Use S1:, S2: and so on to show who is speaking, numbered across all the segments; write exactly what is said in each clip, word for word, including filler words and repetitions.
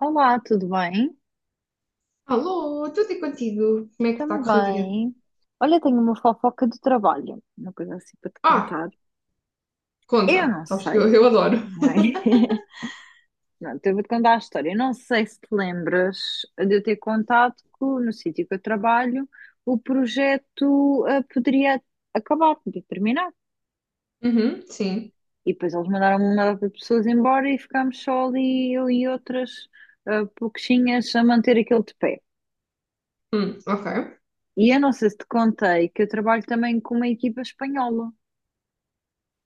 S1: Olá, tudo bem?
S2: Alô, tudo e contigo? Como é que está a correr o dia?
S1: Também. Olha, tenho uma fofoca do trabalho, uma coisa assim para te
S2: Ah,
S1: contar. Eu
S2: conta.
S1: não
S2: Sabes que eu,
S1: sei.
S2: eu adoro.
S1: Ai. Não, então eu vou-te contar a história. Eu não sei se te lembras de eu ter contado que no sítio que eu trabalho o projeto ah, poderia acabar, podia terminar.
S2: Uhum, sim.
S1: E depois eles mandaram uma data de pessoas embora e ficámos só ali, eu e outras ah, pouquinhas a manter aquilo de pé.
S2: Hum, ok.
S1: E eu não sei se te contei que eu trabalho também com uma equipa espanhola.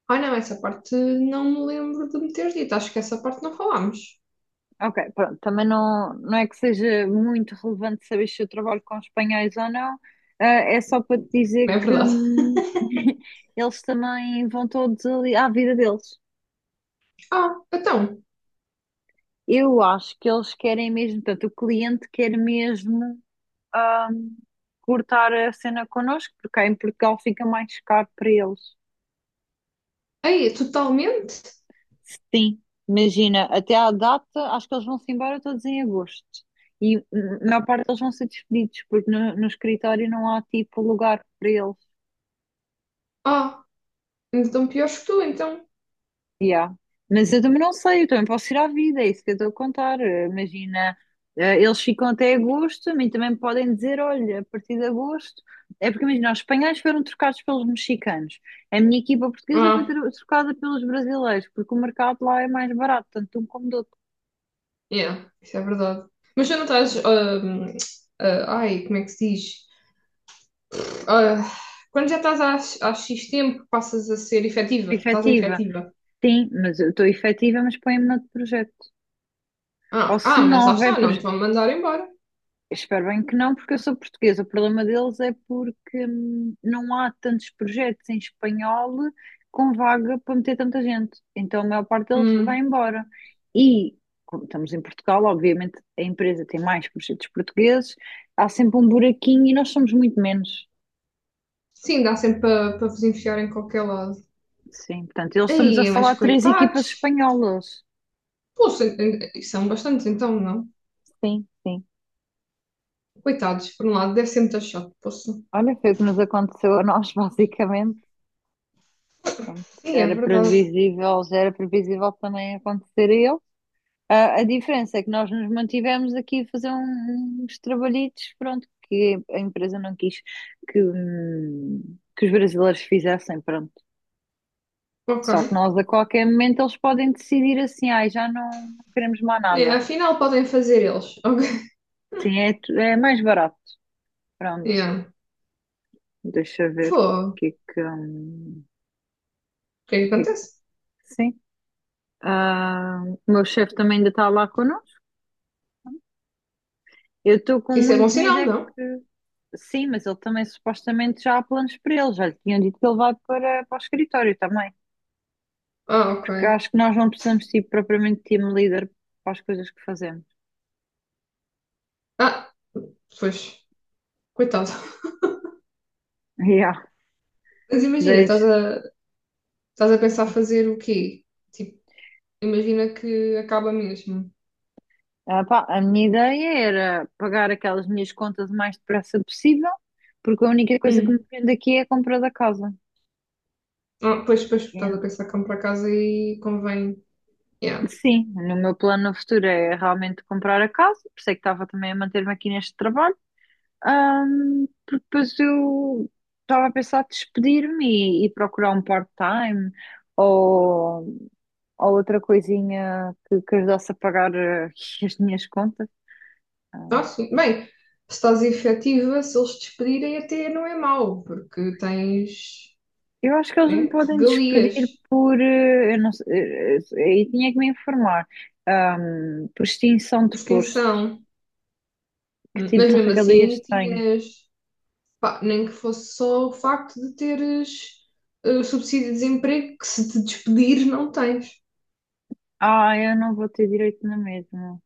S2: Ah, não, essa parte não me lembro de me teres dito. Acho que essa parte não falámos.
S1: Ok, pronto, também não, não é que seja muito relevante saber se eu trabalho com espanhóis ou não, eh, é só para te dizer
S2: Não é
S1: que
S2: verdade?
S1: hum, eles também vão todos ali à vida deles.
S2: Ah, então.
S1: Eu acho que eles querem mesmo, portanto, o cliente quer mesmo, hum, cortar a cena connosco, porque cá em Portugal fica mais caro para eles.
S2: Aí, totalmente?
S1: Sim, imagina, até à data, acho que eles vão-se embora todos em agosto. E hum, a maior parte eles vão ser despedidos, porque no, no escritório não há tipo lugar para eles.
S2: Ah, então piores que tu, então.
S1: Yeah. Mas eu também não sei, eu também posso ir à vida, é isso que eu estou a contar. Eh, Imagina, eh, eles ficam até agosto, a mim também podem dizer, olha, a partir de agosto. É porque imagina, os espanhóis foram trocados pelos mexicanos. A minha equipa portuguesa foi
S2: Ah,
S1: tro- trocada pelos brasileiros, porque o mercado lá é mais barato, tanto de um como do outro.
S2: yeah, isso é verdade. Mas já não estás, ahm, ah, ai, como é que se diz? Ah, quando já estás há, há X tempo, passas a ser efetiva. Estás em
S1: Efetiva.
S2: efetiva.
S1: Sim, mas eu estou efetiva, mas põe-me noutro projeto. Ou
S2: Ah,
S1: se
S2: ah, mas
S1: não
S2: lá
S1: houver
S2: está, não te
S1: projeto.
S2: vão mandar embora.
S1: Espero bem que não, porque eu sou portuguesa. O problema deles é porque, hum, não há tantos projetos em espanhol com vaga para meter tanta gente. Então a maior parte deles vai
S2: Hum.
S1: embora. E, como estamos em Portugal, obviamente a empresa tem mais projetos portugueses, há sempre um buraquinho e nós somos muito menos.
S2: Sim, dá sempre para para vos enfiar em qualquer lado.
S1: Sim, portanto, eles estamos a
S2: Aí, mas
S1: falar três equipas
S2: coitados.
S1: espanholas.
S2: Poxa, e são bastantes então, não?
S1: Sim, sim.
S2: Coitados, por um lado, deve ser muito chato. Poxa.
S1: Olha, foi o que nos aconteceu a nós, basicamente. Pronto,
S2: Sim, é
S1: era
S2: verdade.
S1: previsível, já era previsível que também acontecer a ele. Ah, a diferença é que nós nos mantivemos aqui a fazer um- uns trabalhitos, pronto, que a empresa não quis que, hum, que os brasileiros fizessem, pronto. Só que
S2: Ok.
S1: nós, a qualquer momento, eles podem decidir assim, ai, já não queremos mais
S2: É,
S1: nada.
S2: afinal, podem fazer eles. Ok.
S1: Sim, é, tu- é mais barato. Pronto,
S2: Yeah.
S1: deixa eu ver
S2: Pô,
S1: o
S2: o
S1: que é que, hum,
S2: que é que
S1: o que é que,
S2: acontece?
S1: sim. Ah, o meu chefe também ainda está lá connosco. Eu estou com
S2: Isso é bom
S1: muito medo
S2: sinal,
S1: é que,
S2: não?
S1: sim, mas ele também supostamente já há planos para ele, já lhe tinham dito que ele vai para, para o escritório também.
S2: Ah, ok.
S1: Porque acho que nós não precisamos ser propriamente team leader para as coisas que fazemos.
S2: Ah, pois, coitado.
S1: Yeah,
S2: Mas imagina, estás
S1: deixa.
S2: a, estás a pensar fazer o quê? Tipo, imagina que acaba mesmo.
S1: Ah, pá, a minha ideia era pagar aquelas minhas contas o mais depressa possível, porque a única coisa que me
S2: Hum.
S1: prende aqui é a compra da casa.
S2: Ah, pois, pois,
S1: E,
S2: estás a pensar como para casa e convém. Yeah.
S1: sim, no meu plano no futuro é realmente comprar a casa, por isso é que estava também a manter-me aqui neste trabalho. Ahm, porque depois eu estava a pensar despedir-me e, e procurar um part-time ou, ou outra coisinha que, que ajudasse a pagar, eh, as minhas contas. Ah,
S2: Ah, sim. Bem, se estás efetiva, se eles te despedirem, até não é mau, porque tens,
S1: eu acho que eles me
S2: né,
S1: podem despedir
S2: regalias
S1: por, eh, eu não sei, eh, eh, aí tinha que me informar, ahm, por extinção de
S2: por
S1: posto.
S2: extensão.
S1: Que
S2: Hum,
S1: tipo
S2: Mas
S1: de
S2: mesmo
S1: regalias
S2: assim,
S1: tenho?
S2: tinhas, pá, nem que fosse só o facto de teres eh, o subsídio de desemprego, que se te despedir, não tens.
S1: Ah, eu não vou ter direito na mesma.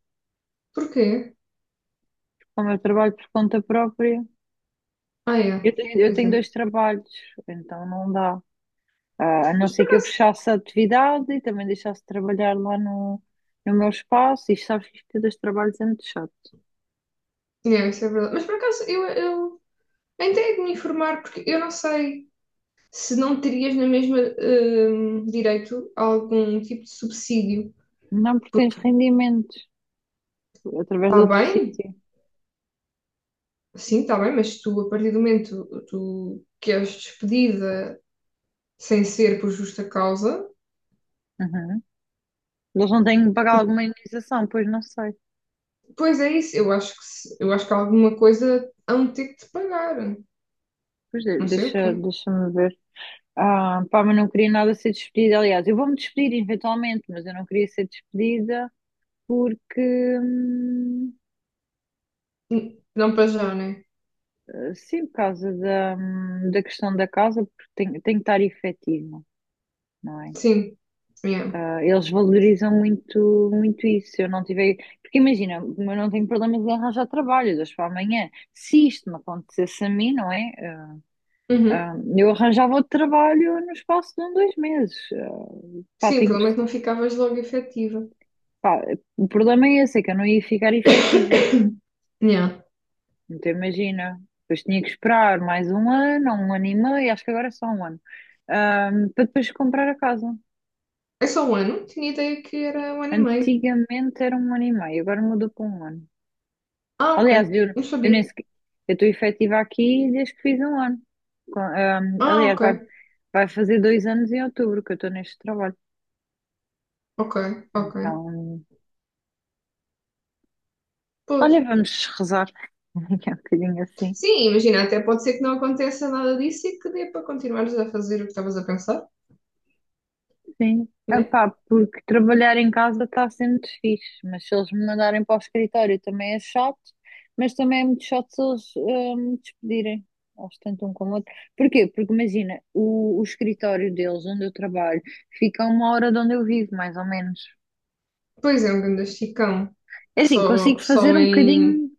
S2: Porquê?
S1: Como eu trabalho por conta própria,
S2: Ah, é.
S1: eu tenho, eu
S2: Pois
S1: tenho
S2: é.
S1: dois trabalhos, então não dá. Ah, a não
S2: Mas por
S1: ser que eu
S2: acaso.
S1: fechasse a atividade e também deixasse de trabalhar lá no, no meu espaço. E sabes que isto dos trabalhos é muito chato.
S2: É isso, é verdade. Mas por acaso, eu, eu até hei de me informar, porque eu não sei, se não terias na mesma hum, direito a algum tipo de subsídio.
S1: Não, porque tens
S2: Porque
S1: rendimentos através de
S2: está
S1: outro
S2: bem,
S1: sítio.
S2: sim, está bem, mas tu, a partir do momento tu, que és despedida sem ser por justa causa,
S1: Uhum. Eles não têm que pagar alguma indenização, pois não sei.
S2: pois é isso. Eu acho que, se- eu acho que alguma coisa hão de ter que te pagar.
S1: Pois de-
S2: Não sei o
S1: deixa,
S2: quê.
S1: deixa-me ver. Ah, pá, mas não queria nada ser despedida. Aliás, eu vou-me despedir eventualmente, mas eu não queria ser despedida porque, hum,
S2: N- Não para já, né?
S1: sim, por causa da, hum, da questão da casa, porque tenho, tenho que estar efetiva, não é?
S2: Sim. Yeah.
S1: Ah, eles valorizam muito, muito isso. Se eu não tiver. Porque imagina, eu não tenho problemas em arranjar trabalho de hoje para amanhã. Se isto me acontecesse a mim, não é? Ah,
S2: Uhum.
S1: ah, eu arranjava outro trabalho no espaço de um, dois meses. Ah, pá,
S2: Sim,
S1: tenho...
S2: pelo menos não ficavas logo efetiva.
S1: Pá, o problema é esse, é que eu não ia ficar efetiva.
S2: Yeah.
S1: Então imagina. Depois tinha que esperar mais um ano, ou um ano e meio, acho que agora é só um ano, ah, para depois comprar a casa.
S2: É só um ano? Tinha ideia que era um ano e meio.
S1: Antigamente era um ano e meio, agora mudou para um ano.
S2: Ah,
S1: Aliás,
S2: ok.
S1: eu,
S2: Não
S1: eu nem
S2: sabia.
S1: sequer, eu estou efetiva aqui desde que fiz um ano. Com- ahm,
S2: Ah,
S1: aliás, vai,
S2: ok,
S1: vai fazer dois anos em outubro que eu estou neste trabalho.
S2: ok, ok.
S1: Então,
S2: Pois.
S1: olha, vamos rezar. Que é um bocadinho assim.
S2: Sim, imagina, até pode ser que não aconteça nada disso e que dê para continuares a fazer o que estavas a pensar,
S1: Sim.
S2: né?
S1: Epá, porque trabalhar em casa está sendo fixe, mas se eles me mandarem para o escritório também é chato, mas também é muito chato se eles, ah, me despedirem. Eles tentam um com o outro. Porquê? Porque imagina, o, o escritório deles, onde eu trabalho, fica a uma hora de onde eu vivo, mais ou menos.
S2: Pois é, um grande esticão.
S1: É assim,
S2: Só,
S1: consigo fazer
S2: só
S1: um
S2: em.
S1: bocadinho,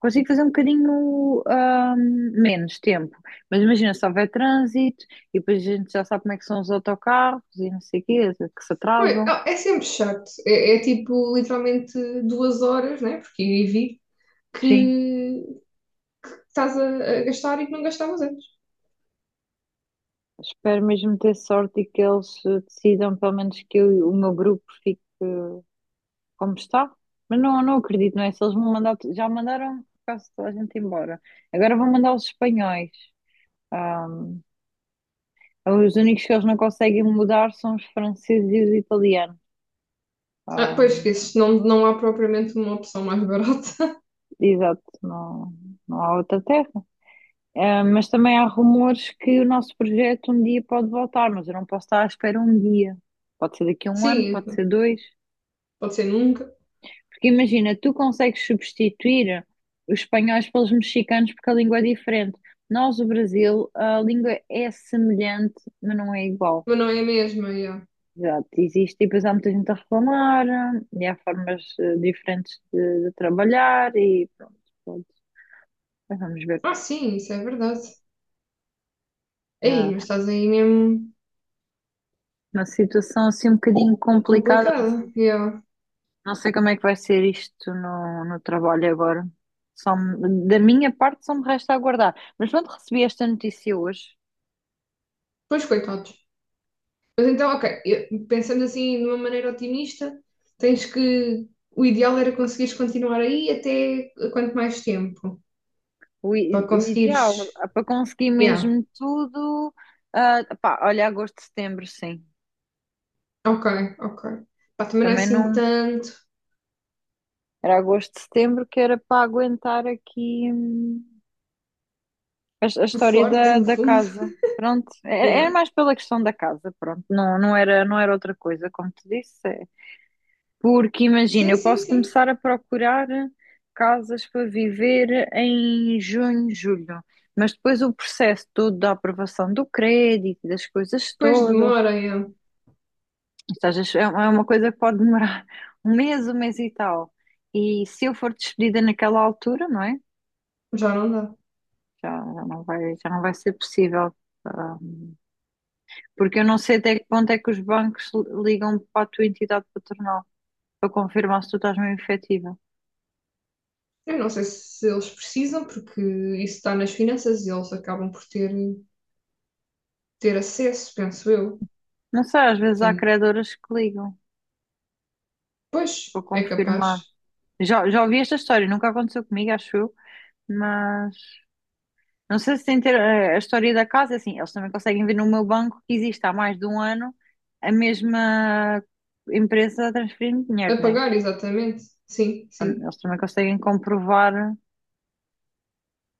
S1: consigo fazer um bocadinho ahm, menos tempo. Mas imagina, se houver trânsito e depois a gente já sabe como é que são os autocarros e não sei o quê, que se
S2: Pois,
S1: atrasam.
S2: ah, é sempre chato. É, é tipo literalmente duas horas, né? Porque ir e vir,
S1: Sim,
S2: que, que estás a, a gastar e que não gastavas antes.
S1: espero mesmo ter sorte e que eles, eh, decidam, pelo menos que eu- o meu grupo fique, eh, como está. Mas não, não acredito, não é? Se eles vão mandar, já mandaram quase toda a gente embora. Agora vão mandar os espanhóis. Ahm, os únicos que eles não conseguem mudar são os franceses e os italianos.
S2: Ah, pois esqueces, não, não há propriamente uma opção mais barata.
S1: Exato, não, não há outra terra. Eh, mas também há rumores que o nosso projeto um dia pode voltar, mas eu não posso estar à espera um dia. Pode ser daqui a um ano, pode
S2: Sim,
S1: ser dois.
S2: pode ser nunca,
S1: Porque imagina, tu consegues substituir os espanhóis pelos mexicanos porque a língua é diferente. Nós, o Brasil, a língua é semelhante, mas não é igual.
S2: mas não é a mesma. Yeah.
S1: Exato, existe e depois há muita gente a reclamar, e há formas, eh, diferentes de, de trabalhar e pronto, pronto. Mas vamos ver.
S2: Ah, sim, isso é verdade. Ei,
S1: Ah,
S2: mas estás aí mesmo
S1: uma situação assim um bocadinho complicada, não
S2: complicada.
S1: sei,
S2: Yeah.
S1: não sei como é que vai ser isto no, no trabalho agora. Só me- da minha parte só me resta aguardar. Mas quando recebi esta notícia hoje,
S2: Pois, coitados. Mas então, ok, eu- pensando assim de uma maneira otimista, tens que. O ideal era conseguires continuar aí até quanto mais tempo?
S1: o,
S2: Para
S1: i- o ideal,
S2: conseguires.
S1: ah, para conseguir
S2: Yeah,
S1: mesmo tudo, ah, pá, olha, agosto, setembro, sim.
S2: ok, ok. Pá, também não é
S1: Também
S2: assim
S1: não
S2: tanto
S1: era agosto, setembro que era para aguentar aqui, hum, a, a
S2: o
S1: história
S2: forte,
S1: da,
S2: no
S1: da
S2: fundo.
S1: casa. Pronto, era era
S2: Yeah.
S1: mais pela questão da casa, pronto, não, não era, não era outra coisa, como te disse, é, porque imagina,
S2: Sim,
S1: eu
S2: sim,
S1: posso
S2: sim.
S1: começar a procurar casas para viver em junho, julho, mas depois o processo todo da aprovação do crédito, das coisas
S2: Depois
S1: todas,
S2: demora, yeah.
S1: isto às vezes é é uma coisa que pode demorar um mês, um mês e tal. E se eu for despedida naquela altura, não é?
S2: Já não dá.
S1: Já, já não vai, já não vai ser possível. ah, Porque eu não sei até que ponto é que os bancos ligam para a tua entidade patronal para confirmar se tu estás mesmo efetiva.
S2: Eu não sei se eles precisam, porque isso está nas finanças e eles acabam por ter, ter acesso, penso eu.
S1: Não sei, às vezes há
S2: Portanto,
S1: credoras que ligam. Vou
S2: pois, é capaz.
S1: confirmar. Já, já ouvi esta história, nunca aconteceu comigo, acho eu, mas não sei se tem ter, eh, a história da casa, é assim, eles também conseguem ver no meu banco que existe há mais de um ano a mesma empresa a transferir dinheiro, né?
S2: Apagar, exatamente. Sim,
S1: Então,
S2: sim.
S1: eles também conseguem comprovar,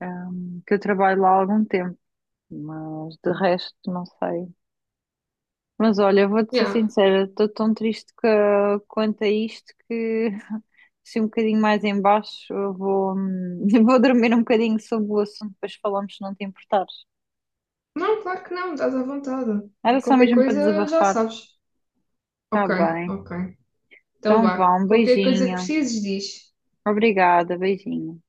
S1: ehm, que eu trabalho lá há algum tempo, mas de resto não sei. Mas olha, vou-te ser
S2: Yeah.
S1: sincera, estou tão triste que quanto a isto que se um bocadinho mais em baixo eu vou, hum, vou dormir um bocadinho sobre o assunto, depois falamos se não te importares.
S2: Não, claro que não, estás à vontade.
S1: Era só
S2: Qualquer
S1: mesmo para
S2: coisa já
S1: desabafar.
S2: sabes.
S1: Tá
S2: Ok,
S1: bem.
S2: ok. Então
S1: Então
S2: vá.
S1: vá, um
S2: Qualquer coisa que
S1: beijinho.
S2: precises, diz.
S1: Obrigada, beijinho.